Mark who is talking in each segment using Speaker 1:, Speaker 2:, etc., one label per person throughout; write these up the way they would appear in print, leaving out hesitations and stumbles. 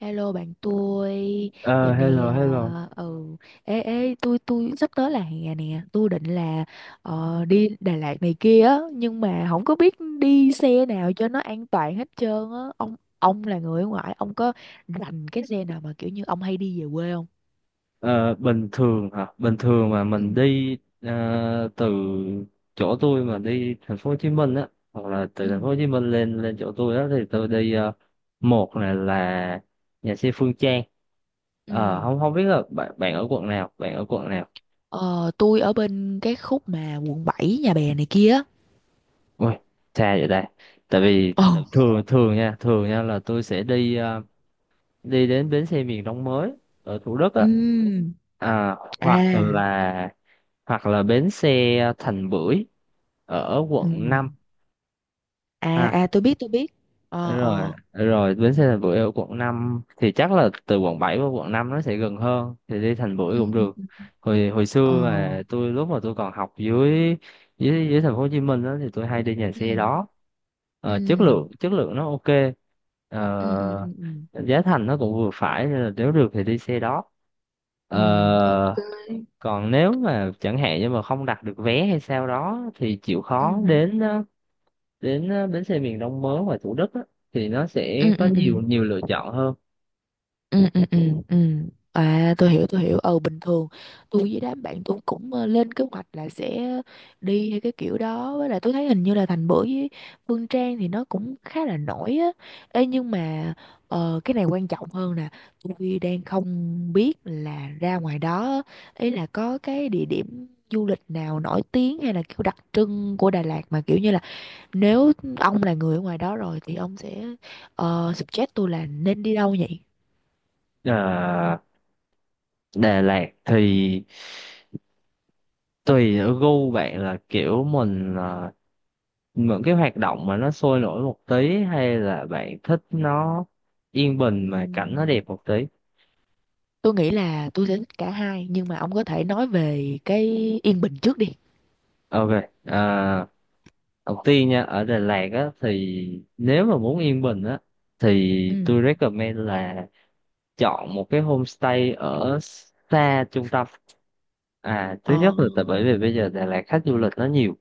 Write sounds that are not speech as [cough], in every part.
Speaker 1: Hello bạn tôi. Giờ
Speaker 2: Ờ,
Speaker 1: này,
Speaker 2: Hello, hello.
Speaker 1: ừ ê ê, tôi sắp tới là hè nè. Tôi định là đi Đà Lạt này kia á, nhưng mà không có biết đi xe nào cho nó an toàn hết trơn á. Ông là người ở ngoại, ông có rành cái xe nào mà kiểu như ông hay đi về quê không?
Speaker 2: Ờ, Bình thường hả? Bình thường mà
Speaker 1: Ừ,
Speaker 2: mình đi ờ, từ chỗ tôi mà đi thành phố Hồ Chí Minh á, hoặc là từ thành phố
Speaker 1: ừ,
Speaker 2: Hồ Chí Minh lên lên chỗ tôi đó thì tôi đi một này là nhà xe Phương Trang.
Speaker 1: ừ.
Speaker 2: Ờ, không không biết là bạn bạn ở quận nào, bạn ở quận nào.
Speaker 1: Ờ, tôi ở bên cái khúc mà quận 7 Nhà Bè này kia á.
Speaker 2: Ui, xa vậy đây. Tại vì
Speaker 1: Ồ.
Speaker 2: thường thường nha, là tôi sẽ đi đi đến bến xe miền Đông mới ở Thủ Đức á,
Speaker 1: Ừ.
Speaker 2: hoặc
Speaker 1: À.
Speaker 2: là bến xe Thành Bưởi ở
Speaker 1: Ừ.
Speaker 2: quận 5.
Speaker 1: À, à, tôi biết, tôi biết. Ờ,
Speaker 2: rồi
Speaker 1: ờ.
Speaker 2: rồi bến xe Thành Bưởi ở quận 5 thì chắc là từ quận 7 qua quận 5 nó sẽ gần hơn thì đi Thành Bưởi cũng
Speaker 1: Ừ, ừ.
Speaker 2: được. Hồi hồi
Speaker 1: ờ
Speaker 2: xưa mà tôi, lúc mà tôi còn học dưới dưới dưới thành phố Hồ Chí Minh đó thì tôi hay đi nhà
Speaker 1: ừ,
Speaker 2: xe đó. Ờ, chất
Speaker 1: ừ,
Speaker 2: lượng chất lượng nó ok.
Speaker 1: ừ, ừ,
Speaker 2: Ờ,
Speaker 1: ừ, ừ,
Speaker 2: Giá thành nó cũng vừa phải nên là nếu được thì đi xe đó.
Speaker 1: ừ, ok,
Speaker 2: Ờ,
Speaker 1: ok,
Speaker 2: Còn nếu mà chẳng hạn như mà không đặt được vé hay sao đó thì chịu khó
Speaker 1: ừ,
Speaker 2: đến bến xe miền Đông mới ngoài Thủ Đức á, thì nó sẽ
Speaker 1: ừ,
Speaker 2: có
Speaker 1: ừ, ừ.
Speaker 2: nhiều nhiều lựa chọn hơn.
Speaker 1: Ừ, ừ, ừ, ừ. À, tôi hiểu, tôi hiểu. Ừ, bình thường tôi với đám bạn tôi cũng lên kế hoạch là sẽ đi hay cái kiểu đó. Với lại tôi thấy hình như là Thành Bưởi với Phương Trang thì nó cũng khá là nổi á. Ê, nhưng mà cái này quan trọng hơn nè. Tôi đang không biết là ra ngoài đó á, ý là có cái địa điểm du lịch nào nổi tiếng hay là kiểu đặc trưng của Đà Lạt mà kiểu như là, nếu ông là người ở ngoài đó rồi thì ông sẽ suggest tôi là nên đi đâu nhỉ.
Speaker 2: à, Đà Lạt thì tùy ở gu bạn, là kiểu mình những cái hoạt động mà nó sôi nổi một tí, hay là bạn thích nó yên bình mà cảnh nó
Speaker 1: Ừm,
Speaker 2: đẹp một tí.
Speaker 1: tôi nghĩ là tôi sẽ thích cả hai, nhưng mà ông có thể nói về cái yên bình trước đi.
Speaker 2: Ok. à, Đầu tiên nha, ở Đà Lạt á thì nếu mà muốn yên bình á
Speaker 1: Ừ.
Speaker 2: thì tôi recommend là chọn một cái homestay ở xa trung tâm. Thứ
Speaker 1: Ờ.
Speaker 2: nhất là tại bởi vì bây giờ Đà Lạt khách du lịch nó nhiều.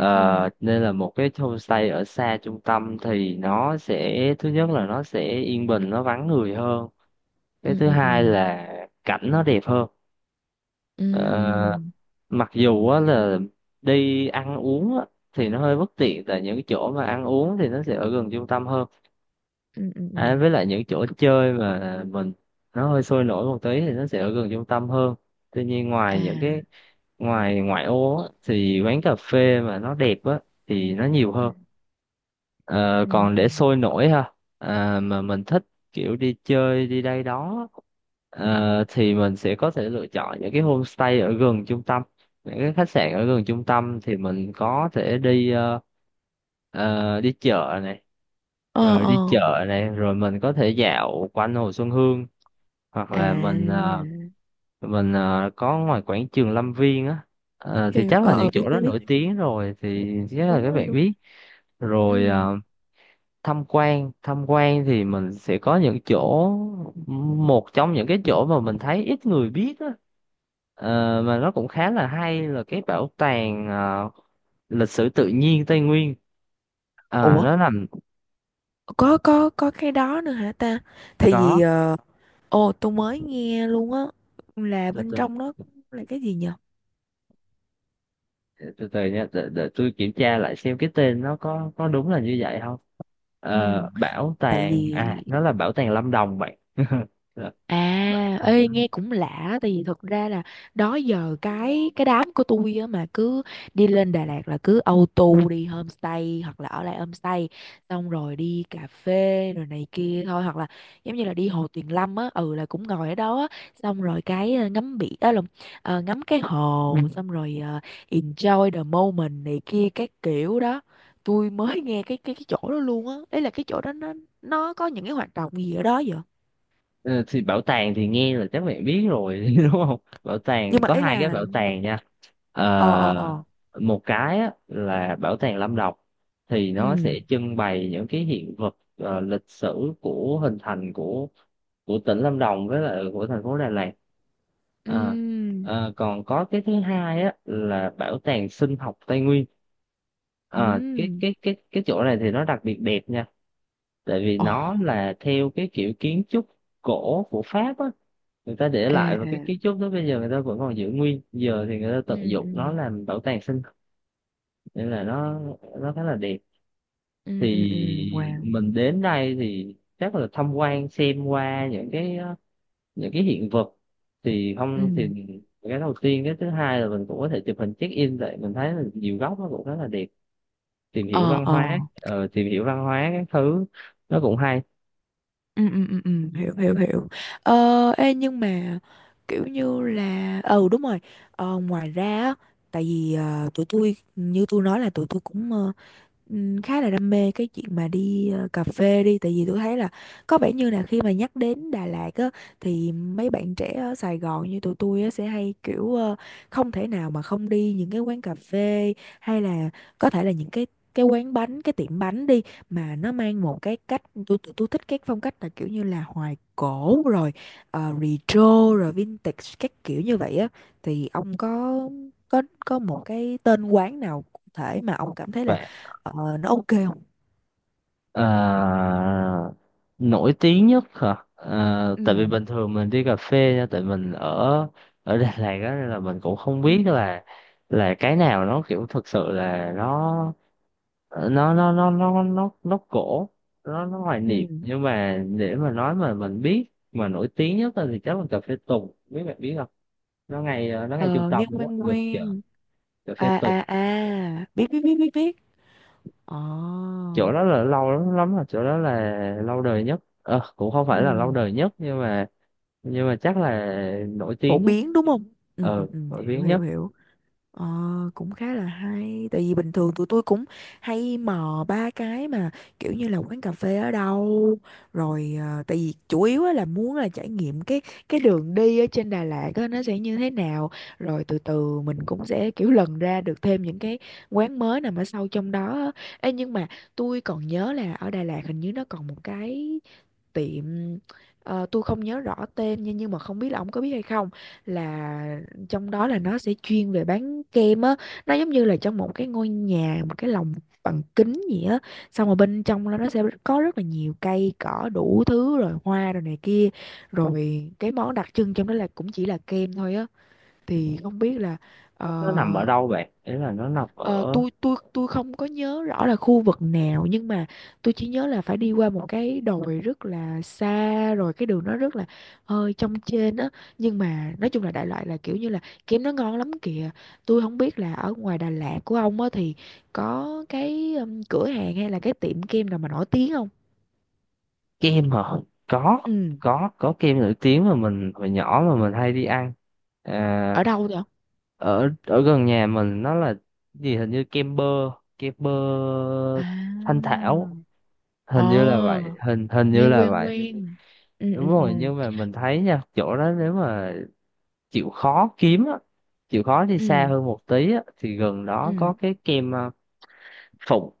Speaker 1: Ừ.
Speaker 2: Nên là một cái homestay ở xa trung tâm thì nó sẽ, thứ nhất là nó sẽ yên bình, nó vắng người hơn. Cái
Speaker 1: Ừ,
Speaker 2: thứ
Speaker 1: ừ,
Speaker 2: hai
Speaker 1: ừ.
Speaker 2: là cảnh nó đẹp hơn.
Speaker 1: Ừ.
Speaker 2: Ờ, Mặc dù á là đi ăn uống á, thì nó hơi bất tiện, tại những cái chỗ mà ăn uống thì nó sẽ ở gần trung tâm hơn.
Speaker 1: Ừ, ừ, ừ.
Speaker 2: Với lại những chỗ chơi mà mình, nó hơi sôi nổi một tí thì nó sẽ ở gần trung tâm hơn. Tuy nhiên
Speaker 1: À.
Speaker 2: ngoài những cái ngoài ngoại ô á, thì quán cà phê mà nó đẹp á thì nó nhiều
Speaker 1: Ừ.
Speaker 2: hơn. Ờ,
Speaker 1: Ừ.
Speaker 2: Còn
Speaker 1: Ừ.
Speaker 2: để sôi nổi ha, mà mình thích kiểu đi chơi đi đây đó ờ, thì mình sẽ có thể lựa chọn những cái homestay ở gần trung tâm, những cái khách sạn ở gần trung tâm thì mình có thể đi Ờ, đi chợ này
Speaker 1: Ờ,
Speaker 2: ờ, đi
Speaker 1: ờ.
Speaker 2: chợ này, rồi mình có thể dạo quanh Hồ Xuân Hương, hoặc
Speaker 1: À.
Speaker 2: là mình có ngoài quảng trường Lâm Viên á. Thì
Speaker 1: Hiểu.
Speaker 2: chắc
Speaker 1: Ờ,
Speaker 2: là những
Speaker 1: ờ, biết,
Speaker 2: chỗ đó
Speaker 1: biết,
Speaker 2: nổi
Speaker 1: biết.
Speaker 2: tiếng rồi thì chắc là
Speaker 1: Đúng
Speaker 2: các
Speaker 1: rồi,
Speaker 2: bạn
Speaker 1: đúng.
Speaker 2: biết rồi.
Speaker 1: Ừ.
Speaker 2: Tham quan thì mình sẽ có những chỗ, một trong những cái chỗ mà mình thấy ít người biết á, mà nó cũng khá là hay, là cái bảo tàng lịch sử tự nhiên Tây Nguyên.
Speaker 1: Ủa?
Speaker 2: Nó nằm
Speaker 1: Có cái đó nữa hả ta? Thì
Speaker 2: có.
Speaker 1: vì ồ, tôi mới nghe luôn á, là
Speaker 2: Từ
Speaker 1: bên
Speaker 2: từ,
Speaker 1: trong nó là cái gì nhờ.
Speaker 2: từ từ nha, để tôi kiểm tra lại xem cái tên nó có đúng là như vậy không.
Speaker 1: Ừ,
Speaker 2: Bảo
Speaker 1: tại
Speaker 2: tàng
Speaker 1: vì,
Speaker 2: à, nó là bảo tàng Lâm Đồng bạn. [laughs]
Speaker 1: à, ê, nghe cũng lạ. Tại vì thật ra là đó giờ cái đám của tôi á mà cứ đi lên Đà Lạt là cứ auto đi homestay hoặc là ở lại homestay, xong rồi đi cà phê rồi này kia thôi, hoặc là giống như là đi Hồ Tuyền Lâm á. Ừ, là cũng ngồi ở đó á, xong rồi cái ngắm biển á, lộn, ngắm cái hồ, xong rồi enjoy the moment này kia các kiểu đó. Tôi mới nghe cái chỗ đó luôn á. Ý là cái chỗ đó nó có những cái hoạt động gì ở đó vậy?
Speaker 2: Ờ, thì bảo tàng thì nghe là chắc mẹ biết rồi [laughs] đúng không? Bảo tàng,
Speaker 1: Nhưng mà
Speaker 2: có
Speaker 1: ý
Speaker 2: hai cái
Speaker 1: là,
Speaker 2: bảo tàng nha.
Speaker 1: ờ ờ
Speaker 2: Ờ,
Speaker 1: ờ
Speaker 2: Một cái á, là bảo tàng Lâm Đồng thì nó sẽ
Speaker 1: ừ,
Speaker 2: trưng bày những cái hiện vật lịch sử của hình thành của tỉnh Lâm Đồng với lại của thành phố Đà Lạt. Ờ,
Speaker 1: ừ,
Speaker 2: Còn có cái thứ hai á là bảo tàng sinh học Tây Nguyên. Ờ, cái
Speaker 1: ừ,
Speaker 2: cái cái cái chỗ này thì nó đặc biệt đẹp nha, tại vì
Speaker 1: ồ,
Speaker 2: nó là theo cái kiểu kiến trúc cổ của Pháp á, người ta để
Speaker 1: ê,
Speaker 2: lại, và
Speaker 1: ê,
Speaker 2: cái kiến trúc đó bây giờ người ta vẫn còn giữ nguyên, giờ thì người ta
Speaker 1: ừ,
Speaker 2: tận dụng
Speaker 1: ừ,
Speaker 2: nó làm bảo tàng sinh học. Nên là nó khá là đẹp.
Speaker 1: ừ, ừ, ừ,
Speaker 2: Thì
Speaker 1: wow,
Speaker 2: mình đến đây thì chắc là tham quan xem qua những cái những cái hiện vật, thì
Speaker 1: ừ,
Speaker 2: không thì cái đầu tiên, cái thứ hai là mình cũng có thể chụp hình check in, tại mình thấy là nhiều góc nó cũng khá là đẹp. Tìm hiểu
Speaker 1: ờ,
Speaker 2: văn
Speaker 1: ờ.
Speaker 2: hóa, tìm hiểu văn hóa các thứ, nó cũng hay.
Speaker 1: Ừ, ừ, ừ, ừ. Hiểu, hiểu, hiểu. Ê, nhưng mà kiểu như là, ừ, đúng rồi. Ngoài ra á, tại vì tụi tôi như tôi nói là tụi tôi cũng khá là đam mê cái chuyện mà đi cà phê đi. Tại vì tôi thấy là có vẻ như là khi mà nhắc đến Đà Lạt á thì mấy bạn trẻ ở Sài Gòn như tụi tôi á sẽ hay kiểu không thể nào mà không đi những cái quán cà phê, hay là có thể là những cái quán bánh, cái tiệm bánh đi, mà nó mang một cái cách, tôi tôi thích cái phong cách là kiểu như là hoài cổ, rồi retro, rồi vintage các kiểu như vậy á. Thì ông có có một cái tên quán nào cụ thể mà ông cảm thấy là nó ok không?
Speaker 2: Ờ, Nổi tiếng nhất hả? Ờ,
Speaker 1: Ừ,
Speaker 2: Tại vì bình thường mình đi cà phê nha, tại mình ở ở [laughs] Đà Lạt á nên là mình cũng không biết
Speaker 1: ừ,
Speaker 2: là cái nào nó kiểu thực sự là nó cổ, nó hoài
Speaker 1: ừ.
Speaker 2: niệm, nhưng mà để mà nói mà mình biết mà nổi tiếng nhất á thì chắc là cà phê Tùng, biết bạn biết không. Nó ngay trung
Speaker 1: Ờ,
Speaker 2: tâm
Speaker 1: nghe
Speaker 2: đúng
Speaker 1: quen
Speaker 2: không, gần chợ.
Speaker 1: quen.
Speaker 2: Cà phê
Speaker 1: À,
Speaker 2: Tùng,
Speaker 1: à, à, biết, biết, biết, biết, biết. Ờ.
Speaker 2: chỗ đó là lâu lắm lắm rồi, chỗ đó là lâu đời nhất. Ờ, Cũng không
Speaker 1: Ừ.
Speaker 2: phải là lâu đời nhất nhưng mà chắc là nổi
Speaker 1: Phổ
Speaker 2: tiếng nhất,
Speaker 1: biến đúng không? Ừ, ừ, ừ,
Speaker 2: nổi
Speaker 1: hiểu,
Speaker 2: tiếng
Speaker 1: hiểu,
Speaker 2: nhất.
Speaker 1: hiểu. Ờ, cũng khá là hay. Tại vì bình thường tụi tôi cũng hay mò ba cái mà, kiểu như là quán cà phê ở đâu, rồi tại vì chủ yếu á là muốn là trải nghiệm cái đường đi ở trên Đà Lạt á, nó sẽ như thế nào, rồi từ từ mình cũng sẽ kiểu lần ra được thêm những cái quán mới nằm ở sâu trong đó á. Ê, nhưng mà tôi còn nhớ là ở Đà Lạt hình như nó còn một cái tiệm, tôi không nhớ rõ tên nha, nhưng mà không biết là ông có biết hay không, là trong đó là nó sẽ chuyên về bán kem á. Nó giống như là trong một cái ngôi nhà, một cái lồng bằng kính gì á, xong rồi bên trong đó nó sẽ có rất là nhiều cây cỏ đủ thứ, rồi hoa rồi này kia, rồi cái món đặc trưng trong đó là cũng chỉ là kem thôi á. Thì không biết là,
Speaker 2: Nó nằm ở
Speaker 1: ờ,
Speaker 2: đâu bạn, ý là nó nằm
Speaker 1: ờ,
Speaker 2: ở.
Speaker 1: tôi tôi không có nhớ rõ là khu vực nào, nhưng mà tôi chỉ nhớ là phải đi qua một cái đồi rất là xa, rồi cái đường nó rất là hơi trong trên á, nhưng mà nói chung là đại loại là kiểu như là kem nó ngon lắm kìa. Tôi không biết là ở ngoài Đà Lạt của ông á thì có cái, cửa hàng hay là cái tiệm kem nào mà nổi tiếng không?
Speaker 2: Kem hả? có
Speaker 1: Ừ.
Speaker 2: có có kem nổi tiếng mà mình hồi nhỏ mà mình hay đi ăn. à,
Speaker 1: Ở đâu vậy?
Speaker 2: Ở ở gần nhà mình, nó là gì, hình như kem bơ, kem bơ
Speaker 1: À.
Speaker 2: Thanh Thảo, hình như là
Speaker 1: Ờ,
Speaker 2: vậy, hình hình
Speaker 1: nghe
Speaker 2: như là
Speaker 1: quen
Speaker 2: vậy.
Speaker 1: quen. Ừ,
Speaker 2: Đúng
Speaker 1: ừ, ừ,
Speaker 2: rồi, nhưng mà mình thấy nha, chỗ đó nếu mà chịu khó kiếm á, chịu khó đi xa
Speaker 1: ừ,
Speaker 2: hơn một tí á thì gần đó có
Speaker 1: ừ.
Speaker 2: cái kem Phục.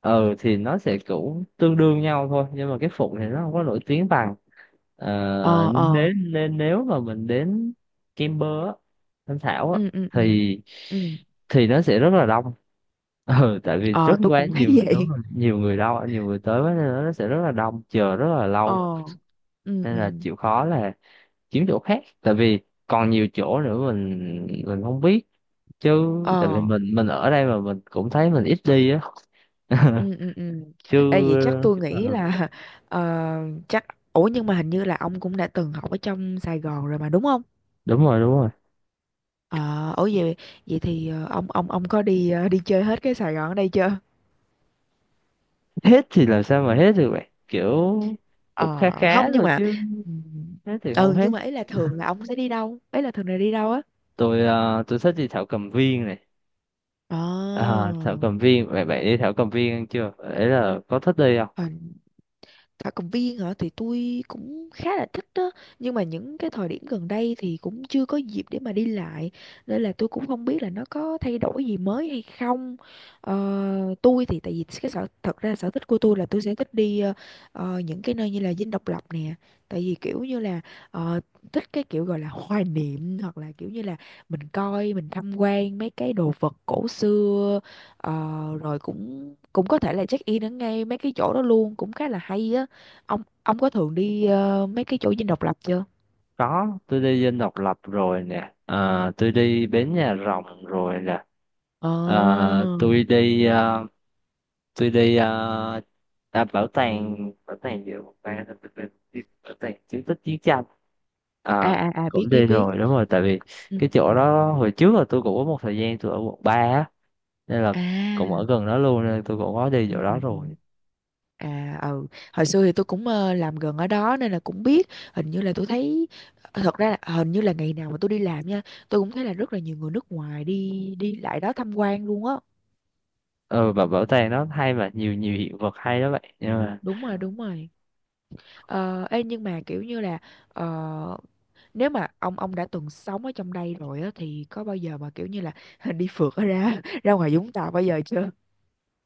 Speaker 2: Thì nó sẽ cũng tương đương nhau thôi, nhưng mà cái Phục thì nó không có nổi tiếng bằng.
Speaker 1: Ờ, ờ.
Speaker 2: Nên nếu mà mình đến Kimber á, Thanh Thảo á
Speaker 1: Ừ, ừ, ừ,
Speaker 2: thì
Speaker 1: ừ.
Speaker 2: nó sẽ rất là đông. Ừ, tại vì rất
Speaker 1: Ờ tôi
Speaker 2: quá
Speaker 1: cũng thấy
Speaker 2: nhiều
Speaker 1: [laughs]
Speaker 2: đúng
Speaker 1: vậy.
Speaker 2: rồi, nhiều người, đâu nhiều người tới quá nên là nó sẽ rất là đông, chờ rất là lâu.
Speaker 1: Ờ. Ừ,
Speaker 2: Nên là
Speaker 1: ừ.
Speaker 2: chịu khó là kiếm chỗ khác, tại vì còn nhiều chỗ nữa mình không biết, chứ tại vì
Speaker 1: Ờ.
Speaker 2: mình ở đây mà mình cũng thấy mình ít đi á [laughs]
Speaker 1: Ừ, ừ, ừ.
Speaker 2: chứ.
Speaker 1: Ê vậy chắc tôi
Speaker 2: ờ,
Speaker 1: nghĩ là [laughs] ờ, chắc, ủa, nhưng mà hình như là ông cũng đã từng học ở trong Sài Gòn rồi mà đúng không?
Speaker 2: Đúng rồi, đúng rồi.
Speaker 1: Ờ ủa vậy, vậy thì ông ông có đi đi chơi hết cái Sài Gòn ở đây chưa?
Speaker 2: Hết thì làm sao mà hết được vậy kiểu, cũng khá
Speaker 1: Ờ
Speaker 2: khá
Speaker 1: không, nhưng
Speaker 2: thôi
Speaker 1: mà
Speaker 2: chứ,
Speaker 1: ừ.
Speaker 2: hết thì
Speaker 1: Ừ,
Speaker 2: không hết.
Speaker 1: nhưng mà ấy là thường là ông sẽ đi đâu? Ấy là thường là đi đâu á?
Speaker 2: Tôi thích đi thảo cầm viên này.
Speaker 1: Ờ.
Speaker 2: Thảo cầm viên, vậy bạn đi thảo cầm viên chưa, đấy là có thích đi không.
Speaker 1: À, Thảo Cầm Viên hả, thì tôi cũng khá là thích đó, nhưng mà những cái thời điểm gần đây thì cũng chưa có dịp để mà đi lại, nên là tôi cũng không biết là nó có thay đổi gì mới hay không. Tôi thì tại vì cái sở, thật ra sở thích của tôi là tôi sẽ thích đi, những cái nơi như là Dinh Độc Lập nè. Tại vì kiểu như là, ờ, thích cái kiểu gọi là hoài niệm, hoặc là kiểu như là mình coi, mình tham quan mấy cái đồ vật cổ xưa. Ờ, rồi cũng cũng có thể là check in ở ngay mấy cái chỗ đó luôn, cũng khá là hay á. Ông có thường đi mấy cái chỗ Dinh Độc Lập chưa?
Speaker 2: Có, tôi đi Dinh Độc Lập rồi nè. Ờ, tôi đi Bến Nhà Rồng rồi nè.
Speaker 1: Ờ.
Speaker 2: Ờ, tôi đi ờ, tôi đi bảo tàng, bảo tàng gì bảo tàng bảo tàng bảo tàng bảo tàng chiến tích chiến tranh.
Speaker 1: À,
Speaker 2: à
Speaker 1: à, à, biết,
Speaker 2: Cũng
Speaker 1: biết,
Speaker 2: đi
Speaker 1: biết.
Speaker 2: rồi đúng rồi, tại vì
Speaker 1: Ừ.
Speaker 2: cái
Speaker 1: Ừ.
Speaker 2: chỗ đó hồi trước là tôi cũng có một thời gian tôi ở quận ba á, nên là cũng ở
Speaker 1: À,
Speaker 2: gần đó luôn nên tôi cũng có đi
Speaker 1: ừ,
Speaker 2: chỗ
Speaker 1: ừ,
Speaker 2: đó
Speaker 1: ừ.
Speaker 2: rồi.
Speaker 1: À, ừ, hồi xưa thì tôi cũng làm gần ở đó nên là cũng biết. Hình như là tôi thấy, thật ra là hình như là ngày nào mà tôi đi làm nha, tôi cũng thấy là rất là nhiều người nước ngoài đi đi lại đó tham quan luôn á.
Speaker 2: Ừ, và bảo tàng nó hay mà, nhiều nhiều hiện vật hay đó vậy nhưng mà.
Speaker 1: Đúng rồi, đúng rồi. Ờ, ê, nhưng mà kiểu như là ờ, nếu mà ông đã từng sống ở trong đây rồi á thì có bao giờ mà kiểu như là [laughs] đi phượt ở ra, [laughs] ra ngoài Vũng Tàu bao giờ chưa?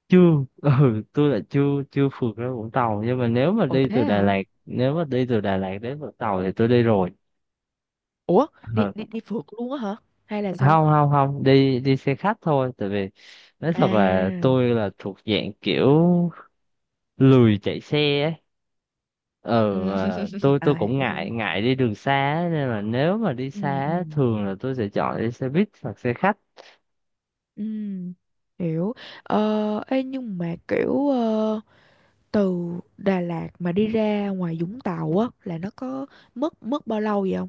Speaker 2: Chưa. [laughs] Ừ, tôi là chưa chưa phượt ra Vũng Tàu, nhưng mà nếu mà
Speaker 1: Ồ
Speaker 2: đi
Speaker 1: thế
Speaker 2: từ Đà
Speaker 1: hả?
Speaker 2: Lạt, đến Vũng Tàu thì tôi đi rồi.
Speaker 1: Ủa, đi
Speaker 2: Ừ.
Speaker 1: đi đi phượt luôn á hả? Hay là sao?
Speaker 2: Không, không, không, đi đi xe khách thôi, tại vì nói thật là
Speaker 1: À.
Speaker 2: tôi là thuộc dạng kiểu lười chạy xe ấy. Ờ
Speaker 1: Ừ.
Speaker 2: mà
Speaker 1: [laughs]
Speaker 2: tôi
Speaker 1: À,
Speaker 2: cũng
Speaker 1: hiểu,
Speaker 2: ngại
Speaker 1: hiểu.
Speaker 2: ngại đi đường xa á, nên là nếu mà đi xa
Speaker 1: Ừ, ừ.
Speaker 2: á, thường là tôi sẽ chọn đi xe buýt hoặc xe khách.
Speaker 1: Ừ. Hiểu. Ờ, ê, nhưng mà kiểu, từ Đà Lạt mà đi ra ngoài Vũng Tàu á, là nó có mất mất bao lâu vậy không?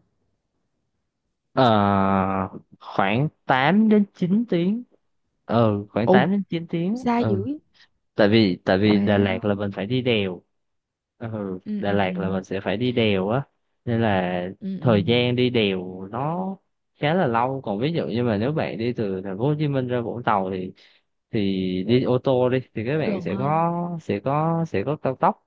Speaker 2: ờ Khoảng 8 đến 9 tiếng. Ừ, khoảng
Speaker 1: Ồ,
Speaker 2: 8 đến 9 tiếng,
Speaker 1: xa
Speaker 2: ừ.
Speaker 1: dữ.
Speaker 2: Tại vì Đà Lạt là mình
Speaker 1: Wow.
Speaker 2: phải đi đèo. Ừ,
Speaker 1: Ừ,
Speaker 2: Đà
Speaker 1: ừ,
Speaker 2: Lạt là
Speaker 1: ừ.
Speaker 2: mình sẽ phải đi đèo á, nên là
Speaker 1: Ừ, ừ.
Speaker 2: thời gian đi đèo nó khá là lâu. Còn ví dụ như mà nếu bạn đi từ thành phố Hồ Chí Minh ra Vũng Tàu thì thì đi ô tô đi thì các bạn
Speaker 1: Gần hơn.
Speaker 2: sẽ có cao tốc.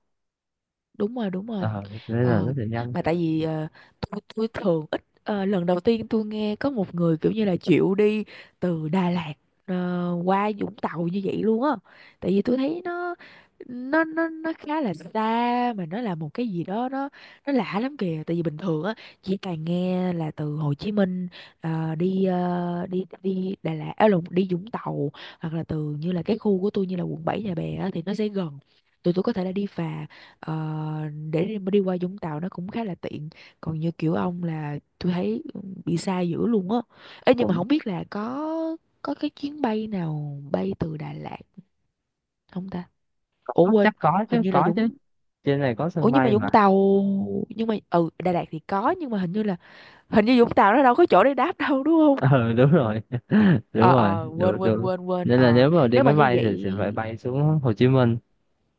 Speaker 1: Đúng rồi, đúng rồi.
Speaker 2: Ờ Nên là
Speaker 1: ờ,
Speaker 2: nó sẽ nhanh.
Speaker 1: mà tại vì tôi thường ít, lần đầu tiên tôi nghe có một người kiểu như là chịu đi từ Đà Lạt ờ, qua Vũng Tàu như vậy luôn á. Tại vì tôi thấy nó khá là xa, mà nó là một cái gì đó nó lạ lắm kìa. Tại vì bình thường á chỉ toàn nghe là từ Hồ Chí Minh đi đi đi Đà Lạt, à lộn, đi Vũng Tàu, hoặc là từ như là cái khu của tôi như là quận 7 Nhà Bè á, thì nó sẽ gần, tụi tôi có thể là đi phà. Ờ, để đi, mà đi qua Vũng Tàu nó cũng khá là tiện, còn như kiểu ông là tôi thấy bị xa dữ luôn á. Ê, nhưng mà
Speaker 2: Cũng
Speaker 1: không biết là có cái chuyến bay nào bay từ Đà Lạt không ta? Ủa
Speaker 2: có,
Speaker 1: quên,
Speaker 2: chắc có
Speaker 1: hình
Speaker 2: chứ,
Speaker 1: như là
Speaker 2: có chứ,
Speaker 1: Vũng,
Speaker 2: trên này có
Speaker 1: ủa
Speaker 2: sân
Speaker 1: nhưng mà
Speaker 2: bay
Speaker 1: Vũng
Speaker 2: mà.
Speaker 1: Tàu, nhưng mà ừ Đà Lạt thì có, nhưng mà hình như là hình như Vũng Tàu nó đâu có chỗ để đáp đâu đúng
Speaker 2: [laughs]
Speaker 1: không?
Speaker 2: Ờ Đúng rồi. [laughs] Đúng
Speaker 1: Ờ,
Speaker 2: rồi,
Speaker 1: ờ, quên,
Speaker 2: đúng,
Speaker 1: quên,
Speaker 2: đúng.
Speaker 1: quên, quên,
Speaker 2: Nên là
Speaker 1: ờ,
Speaker 2: nếu mà đi
Speaker 1: nếu mà
Speaker 2: máy
Speaker 1: như
Speaker 2: bay
Speaker 1: vậy.
Speaker 2: thì sẽ phải bay xuống Hồ Chí Minh.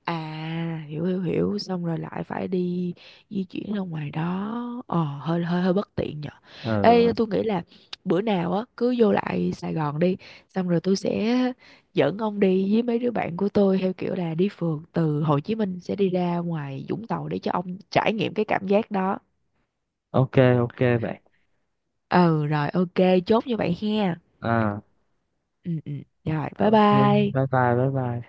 Speaker 1: À, hiểu, hiểu, hiểu, xong rồi lại phải đi di chuyển ra ngoài đó, ờ, hơi hơi hơi bất tiện nhở. Ê,
Speaker 2: ờ
Speaker 1: tôi nghĩ là bữa nào á cứ vô lại Sài Gòn đi, xong rồi tôi sẽ dẫn ông đi với mấy đứa bạn của tôi theo kiểu là đi phượt từ Hồ Chí Minh sẽ đi ra ngoài Vũng Tàu để cho ông trải nghiệm cái cảm giác đó.
Speaker 2: ok. Ok bạn.
Speaker 1: Ừ rồi, ok. Chốt như vậy ha.
Speaker 2: à
Speaker 1: Ừ, ừ. Rồi bye
Speaker 2: ok. Bye
Speaker 1: bye.
Speaker 2: bye bye bye.